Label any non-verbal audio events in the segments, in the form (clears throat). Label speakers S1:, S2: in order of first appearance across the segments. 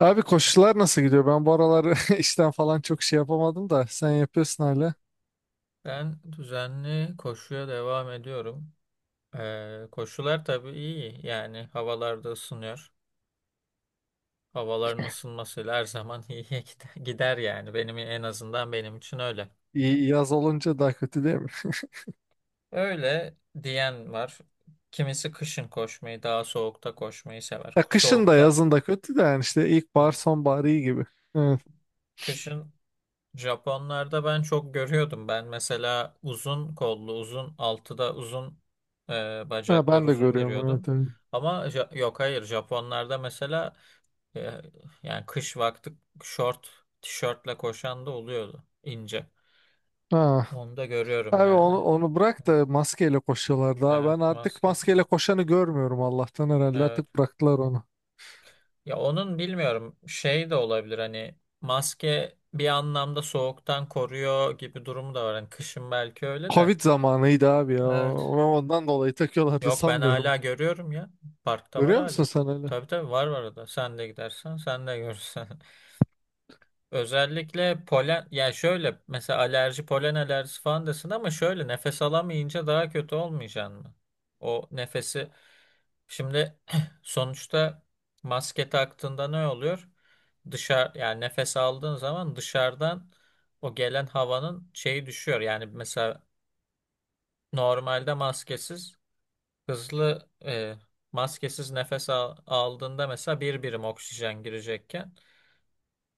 S1: Abi koşular nasıl gidiyor? Ben bu aralar (laughs) işten falan çok şey yapamadım da sen yapıyorsun hala.
S2: Ben düzenli koşuya devam ediyorum. Koşular tabii iyi. Yani havalarda ısınıyor. Havaların ısınmasıyla her zaman (laughs) iyiye gider gider yani. Benim en azından benim için öyle.
S1: İyi, yaz olunca daha kötü değil mi? (laughs)
S2: Öyle diyen var. Kimisi kışın koşmayı, daha soğukta koşmayı sever.
S1: Ya kışın da
S2: Soğukta,
S1: yazın da kötü de yani işte ilkbahar
S2: evet.
S1: sonbahar iyi gibi. Evet.
S2: Kışın Japonlarda ben çok görüyordum. Ben mesela uzun kollu, uzun altıda uzun
S1: Ha,
S2: bacaklar
S1: ben de
S2: uzun
S1: görüyorum,
S2: giriyordum.
S1: evet, evet.
S2: Ama yok, hayır, Japonlarda mesela e, yani kış vakti şort, tişörtle koşan da oluyordu ince.
S1: Ha.
S2: Onu da görüyorum
S1: Abi
S2: yani.
S1: onu, onu bırak da maskeyle koşuyorlar daha.
S2: Evet,
S1: Ben artık
S2: maske.
S1: maskeyle koşanı görmüyorum, Allah'tan herhalde
S2: Evet.
S1: artık bıraktılar onu.
S2: Ya onun bilmiyorum şey de olabilir, hani maske bir anlamda soğuktan koruyor gibi durumu da var. Hani kışın belki öyle de.
S1: Covid zamanıydı abi ya.
S2: Evet.
S1: Ondan dolayı takıyorlardı
S2: Yok, ben
S1: sanmıyorum.
S2: hala görüyorum ya. Parkta var
S1: Görüyor musun
S2: hala.
S1: sen öyle?
S2: Tabii tabii, var var orada. Sen de gidersen sen de görürsen. (laughs) Özellikle polen, yani şöyle mesela alerji, polen alerjisi falan desin ama şöyle nefes alamayınca daha kötü olmayacaksın mı? O nefesi şimdi (clears throat) sonuçta maske taktığında ne oluyor? Dışarı yani nefes aldığın zaman dışarıdan o gelen havanın şeyi düşüyor. Yani mesela normalde maskesiz Hızlı e, maskesiz nefes aldığında mesela bir birim oksijen girecekken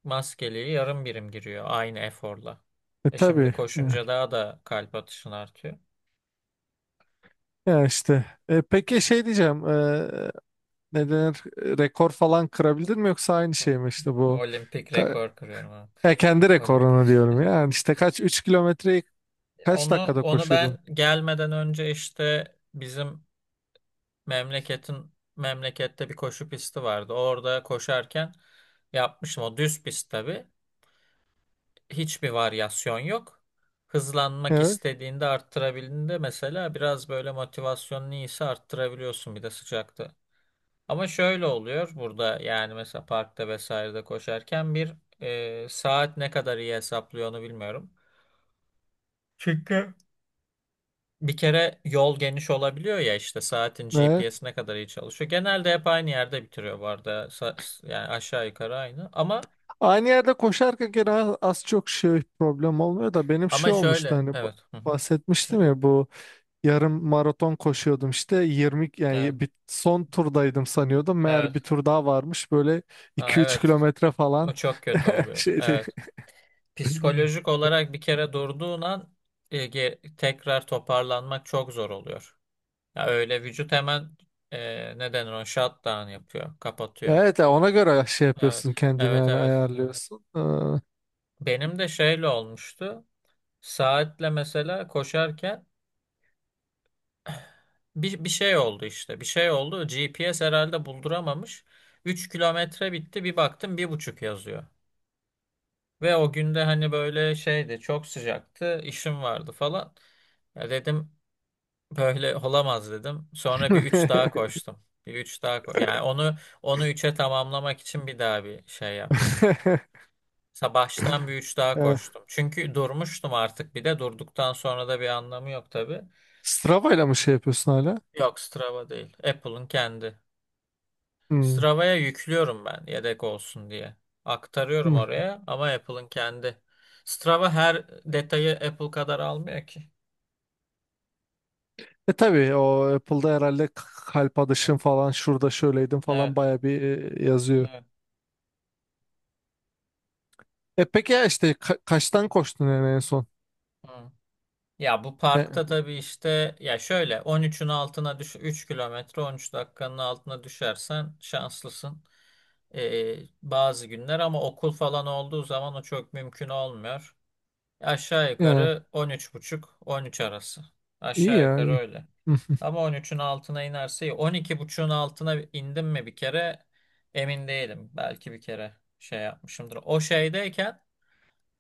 S2: maskeliği yarım birim giriyor aynı eforla.
S1: E
S2: E şimdi
S1: tabii.
S2: koşunca
S1: Evet.
S2: daha da kalp atışın artıyor.
S1: Ya işte. Peki şey diyeceğim. Ne denir, rekor falan kırabildin mi yoksa aynı
S2: Hı.
S1: şey mi işte bu
S2: Olimpik
S1: ka-
S2: rekor kırıyorum ha.
S1: ya kendi
S2: Olimpik.
S1: rekorunu diyorum ya. Yani işte kaç, 3 kilometreyi kaç
S2: Onu
S1: dakikada
S2: onu ben
S1: koşuyordun?
S2: gelmeden önce işte bizim memleketin memlekette bir koşu pisti vardı. Orada koşarken yapmıştım. O düz pist tabii. Hiçbir varyasyon yok. Hızlanmak
S1: Evet.
S2: istediğinde, arttırabildiğinde mesela biraz böyle motivasyonun iyiyse arttırabiliyorsun bir de sıcakta. Ama şöyle oluyor burada, yani mesela parkta vesairede koşarken bir saat ne kadar iyi hesaplıyor onu bilmiyorum. Çünkü bir kere yol geniş olabiliyor ya, işte saatin
S1: Evet.
S2: GPS'i ne kadar iyi çalışıyor. Genelde hep aynı yerde bitiriyor bu arada. Yani aşağı yukarı aynı. Ama
S1: Aynı yerde koşarken gene az çok şey problem olmuyor da benim
S2: ama
S1: şey olmuştu
S2: şöyle
S1: hani
S2: evet. Hı hı. Şöyle.
S1: bahsetmiştim ya bu yarım maraton koşuyordum işte 20,
S2: Evet.
S1: yani bir, son turdaydım sanıyordum, meğer bir
S2: Evet.
S1: tur daha varmış, böyle
S2: Ha,
S1: iki üç
S2: evet.
S1: kilometre falan
S2: O çok kötü
S1: (laughs)
S2: oluyor.
S1: şeydi.
S2: Evet. Psikolojik olarak bir kere durduğun an, tekrar toparlanmak çok zor oluyor. Ya öyle vücut hemen ne denir, o shutdown yapıyor, kapatıyor.
S1: Evet ya, ona göre şey
S2: Evet.
S1: yapıyorsun kendini,
S2: Evet,
S1: yani
S2: evet.
S1: ayarlıyorsun.
S2: Benim de şeyle olmuştu. Saatle mesela koşarken bir şey oldu işte. Bir şey oldu. G P GPS herhalde bulduramamış. 3 kilometre bitti. Bir baktım bir buçuk yazıyor. Ve o günde hani böyle şeydi, çok sıcaktı, işim vardı falan. Ya dedim, böyle olamaz, dedim. Sonra bir üç daha
S1: (laughs)
S2: koştum. Bir üç daha yani onu üçe tamamlamak için bir daha bir şey yaptım. Baştan bir üç daha
S1: Eh,
S2: koştum. Çünkü durmuştum artık, bir de durduktan sonra da bir anlamı yok tabii.
S1: Strava ile mi şey yapıyorsun hala?
S2: Yok, Strava değil. Apple'ın kendi.
S1: Hmm,
S2: Strava'ya yüklüyorum ben, yedek olsun diye. Aktarıyorum
S1: hmm.
S2: oraya ama Apple'ın kendi. Strava her detayı Apple kadar almıyor ki.
S1: E tabii o Apple'da herhalde kalp
S2: Evet,
S1: atışın falan şurada şöyleydim
S2: evet.
S1: falan baya bir, yazıyor.
S2: Evet.
S1: E peki ya işte kaçtan koştun yani en son?
S2: Hı. Ya bu
S1: E,
S2: parkta tabii işte, ya şöyle 13'ün altına 3 kilometre 13 dakikanın altına düşersen şanslısın. Ee, bazı günler ama okul falan olduğu zaman o çok mümkün olmuyor. Aşağı
S1: e,
S2: yukarı 13,5, 13 arası.
S1: iyi
S2: Aşağı
S1: ya,
S2: yukarı
S1: iyi.
S2: öyle.
S1: Hı hı,
S2: Ama 13'ün altına inerse iyi. 12.5'un altına indim mi bir kere emin değilim. Belki bir kere şey yapmışımdır. O şeydeyken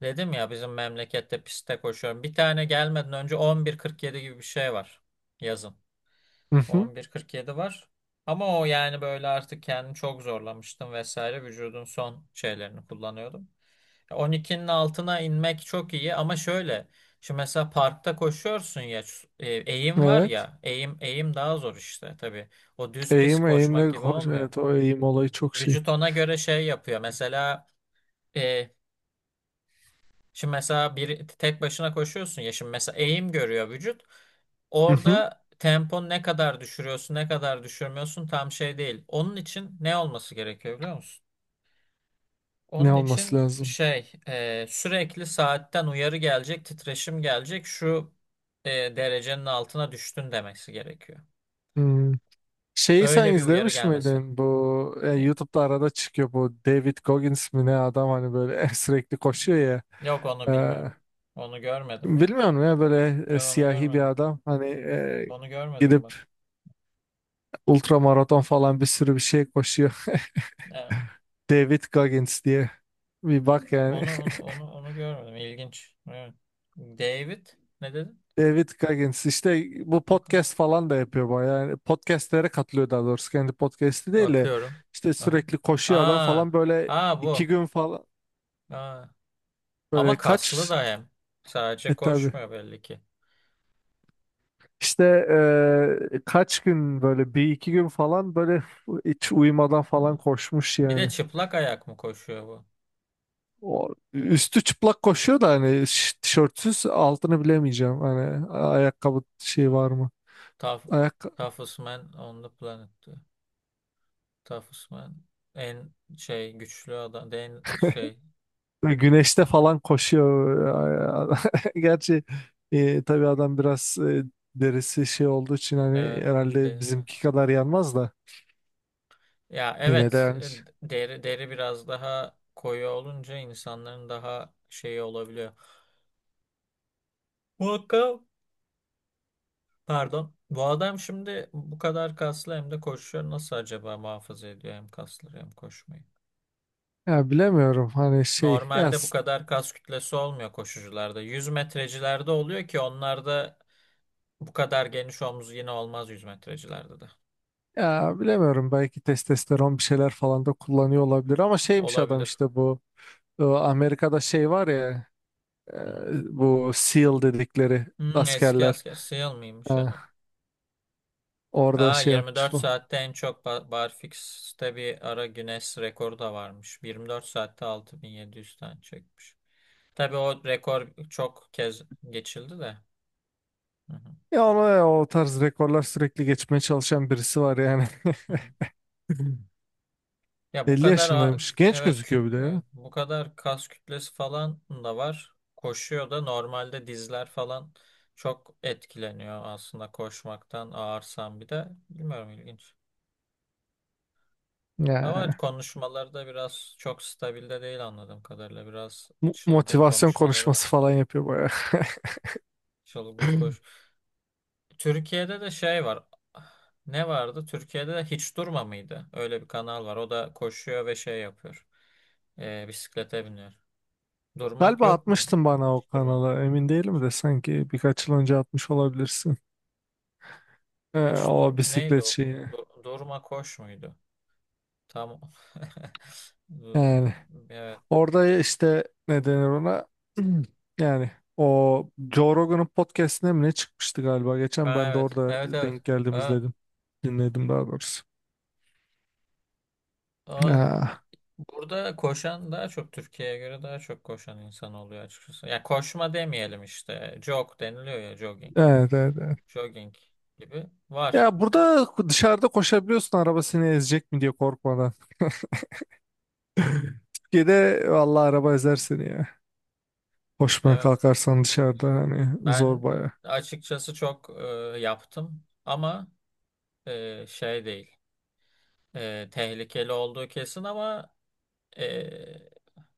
S2: dedim ya, bizim memlekette pistte koşuyorum. Bir tane gelmeden önce 11.47 gibi bir şey var. Yazın.
S1: hı hı.
S2: 11.47 var. Ama o yani böyle artık kendimi çok zorlamıştım vesaire. Vücudun son şeylerini kullanıyordum. 12'nin altına inmek çok iyi ama şöyle. Şimdi mesela parkta koşuyorsun ya, eğim var
S1: Evet.
S2: ya, eğim eğim daha zor işte tabii. O düz pis
S1: Eğim
S2: koşmak
S1: eğimle
S2: gibi
S1: koş.
S2: olmuyor.
S1: Evet, o eğim olayı çok şey.
S2: Vücut ona göre şey yapıyor. Mesela e, şimdi mesela bir tek başına koşuyorsun ya, şimdi mesela eğim görüyor vücut.
S1: Hı hı.
S2: Orada tempon ne kadar düşürüyorsun, ne kadar düşürmüyorsun tam şey değil. Onun için ne olması gerekiyor biliyor musun?
S1: Ne
S2: Onun
S1: olması
S2: için
S1: lazım?
S2: sürekli saatten uyarı gelecek, titreşim gelecek. Derecenin altına düştün demesi gerekiyor.
S1: Hmm. Şeyi sen
S2: Öyle bir uyarı
S1: izlemiş
S2: gelmesi lazım.
S1: miydin? Bu
S2: E,
S1: YouTube'da arada çıkıyor, bu David Goggins mi ne, adam hani böyle (laughs) sürekli koşuyor ya.
S2: Yok, onu
S1: E,
S2: bilmiyorum. Onu görmedim ya.
S1: bilmiyorum ya, böyle
S2: Yok, onu
S1: siyahi bir
S2: görmedim.
S1: adam hani,
S2: Onu görmedim
S1: gidip
S2: bak.
S1: ultramaraton falan, bir sürü bir şey koşuyor.
S2: E,
S1: (laughs) David Goggins diye. Bir bak yani.
S2: onu görmedim. İlginç. Evet. David, ne dedin?
S1: (laughs) David Goggins işte, bu
S2: Bakalım.
S1: podcast falan da yapıyor bayağı. Yani podcastlere katılıyor daha doğrusu. Kendi podcast'i değil de
S2: Bakıyorum.
S1: işte
S2: Aha.
S1: sürekli koşuyor adam
S2: Aa,
S1: falan, böyle
S2: aa
S1: iki
S2: bu.
S1: gün falan,
S2: Aa. Ama
S1: böyle
S2: kaslı
S1: kaç,
S2: da hem.
S1: e
S2: Sadece
S1: tabii.
S2: koşmuyor belli ki.
S1: İşte kaç gün böyle, bir iki gün falan böyle hiç uyumadan falan
S2: Ha.
S1: koşmuş
S2: Bir de
S1: yani.
S2: çıplak ayak mı koşuyor bu?
S1: O, üstü çıplak koşuyor da hani, tişörtsüz, altını bilemeyeceğim. Hani ayakkabı şey var mı?
S2: Tough,
S1: Ayak
S2: toughest man on the planet, diyor. Toughest man. En şey, güçlü adam. En şey.
S1: güneşte falan
S2: Evet.
S1: koşuyor. (laughs) Gerçi tabii adam biraz, derisi şey olduğu için hani
S2: Evet.
S1: herhalde
S2: De,
S1: bizimki kadar yanmaz da
S2: ya
S1: yine de
S2: evet
S1: yani.
S2: deri biraz daha koyu olunca insanların daha şeyi olabiliyor. Bu hakka- pardon. Bu adam şimdi bu kadar kaslı hem de koşuyor. Nasıl acaba muhafaza ediyor hem kasları hem koşmayı?
S1: Ya bilemiyorum hani şey ya.
S2: Normalde bu kadar kas kütlesi olmuyor koşucularda. 100 metrecilerde oluyor, ki onlarda bu kadar geniş omuz yine olmaz 100 metrecilerde de.
S1: Ya bilemiyorum, belki testosteron bir şeyler falan da kullanıyor olabilir, ama şeymiş adam
S2: Olabilir.
S1: işte bu, Amerika'da şey var ya, e,
S2: Hı hı.
S1: bu SEAL dedikleri
S2: Hmm, eski
S1: askerler,
S2: asker. SEAL
S1: e,
S2: mıymış? (laughs)
S1: orada
S2: Aa,
S1: şey yapmış
S2: 24
S1: falan.
S2: saatte en çok Barfix'te bir ara Guinness rekoru da varmış. 24 saatte 6700 tane çekmiş. Tabii o rekor çok kez geçildi de. Hı hı,
S1: Ya ona ya, o tarz rekorlar sürekli geçmeye çalışan birisi var yani.
S2: hı hı.
S1: (laughs)
S2: Ya bu
S1: 50
S2: kadar
S1: yaşındaymış. Genç
S2: evet,
S1: gözüküyor bir de ya.
S2: evet, bu kadar kas kütlesi falan da var. Koşuyor da, normalde dizler falan çok etkileniyor aslında koşmaktan, ağırsam bir de. Bilmiyorum, ilginç. Ama
S1: Ya,
S2: konuşmalarda biraz çok stabilde değil, anladığım kadarıyla. Biraz çılgın
S1: motivasyon
S2: konuşmaları
S1: konuşması
S2: var.
S1: falan yapıyor bayağı.
S2: Çılgın koş.
S1: (laughs)
S2: Türkiye'de de şey var. Ne vardı? Türkiye'de de Hiç Durma mıydı? Öyle bir kanal var. O da koşuyor ve şey yapıyor. Bisiklete biniyor. Durmak
S1: Galiba
S2: yok muydu?
S1: atmıştın bana o
S2: Hiç Durma.
S1: kanala, emin değilim de, sanki birkaç yıl önce atmış olabilirsin. Ee,
S2: Hiç dur.
S1: o
S2: Neydi
S1: bisiklet
S2: o?
S1: şeyi.
S2: Durma koş muydu? Tamam. (laughs)
S1: Yani
S2: Evet.
S1: orada işte ne denir ona? (clears throat) Yani o Joe Rogan'ın podcastine mi ne çıkmıştı galiba? Geçen
S2: Ha,
S1: ben de
S2: evet.
S1: orada
S2: Evet, evet.
S1: denk geldim,
S2: Ha.
S1: izledim. Dinledim daha doğrusu.
S2: Aa,
S1: Ha,
S2: burada koşan, daha çok Türkiye'ye göre daha çok koşan insan oluyor açıkçası. Ya koşma demeyelim işte. Jog deniliyor ya, jogging.
S1: evet, evet, evet.
S2: Jogging gibi var.
S1: Ya burada dışarıda koşabiliyorsun, araba seni ezecek mi diye korkmadan. (laughs) Türkiye'de vallahi araba ezer seni ya. Koşmaya
S2: Evet.
S1: kalkarsan dışarıda hani zor
S2: Ben
S1: baya.
S2: açıkçası çok yaptım ama şey değil. Tehlikeli olduğu kesin ama e,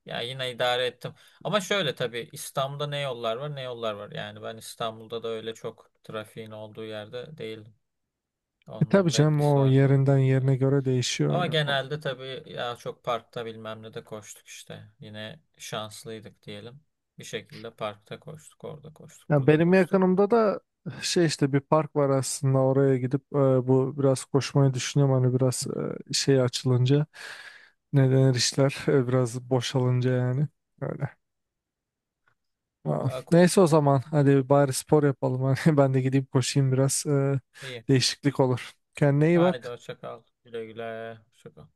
S2: ya yine idare ettim. Ama şöyle tabii, İstanbul'da ne yollar var ne yollar var. Yani ben İstanbul'da da öyle çok trafiğin olduğu yerde değil.
S1: E tabii
S2: Onun da
S1: canım,
S2: etkisi
S1: o
S2: var tabii.
S1: yerinden
S2: Evet.
S1: yerine göre
S2: Ama
S1: değişiyor yani.
S2: genelde tabii ya çok parkta bilmem ne de koştuk işte. Yine şanslıydık diyelim. Bir şekilde parkta koştuk, orada koştuk,
S1: Ya
S2: burada
S1: benim
S2: koştuk.
S1: yakınımda da şey işte bir park var, aslında
S2: Hı
S1: oraya gidip, bu biraz koşmayı düşünüyorum, hani biraz,
S2: hı.
S1: şey açılınca, ne denir, işler (laughs) biraz boşalınca yani, öyle. Aa,
S2: Daha ko-
S1: neyse, o zaman
S2: Evet.
S1: hadi bari spor yapalım (laughs) hani, ben de gideyim koşayım biraz,
S2: İyi.
S1: değişiklik olur. Kendine iyi
S2: Haydi
S1: bak.
S2: hoşça kal. Güle güle. Hoşça kal.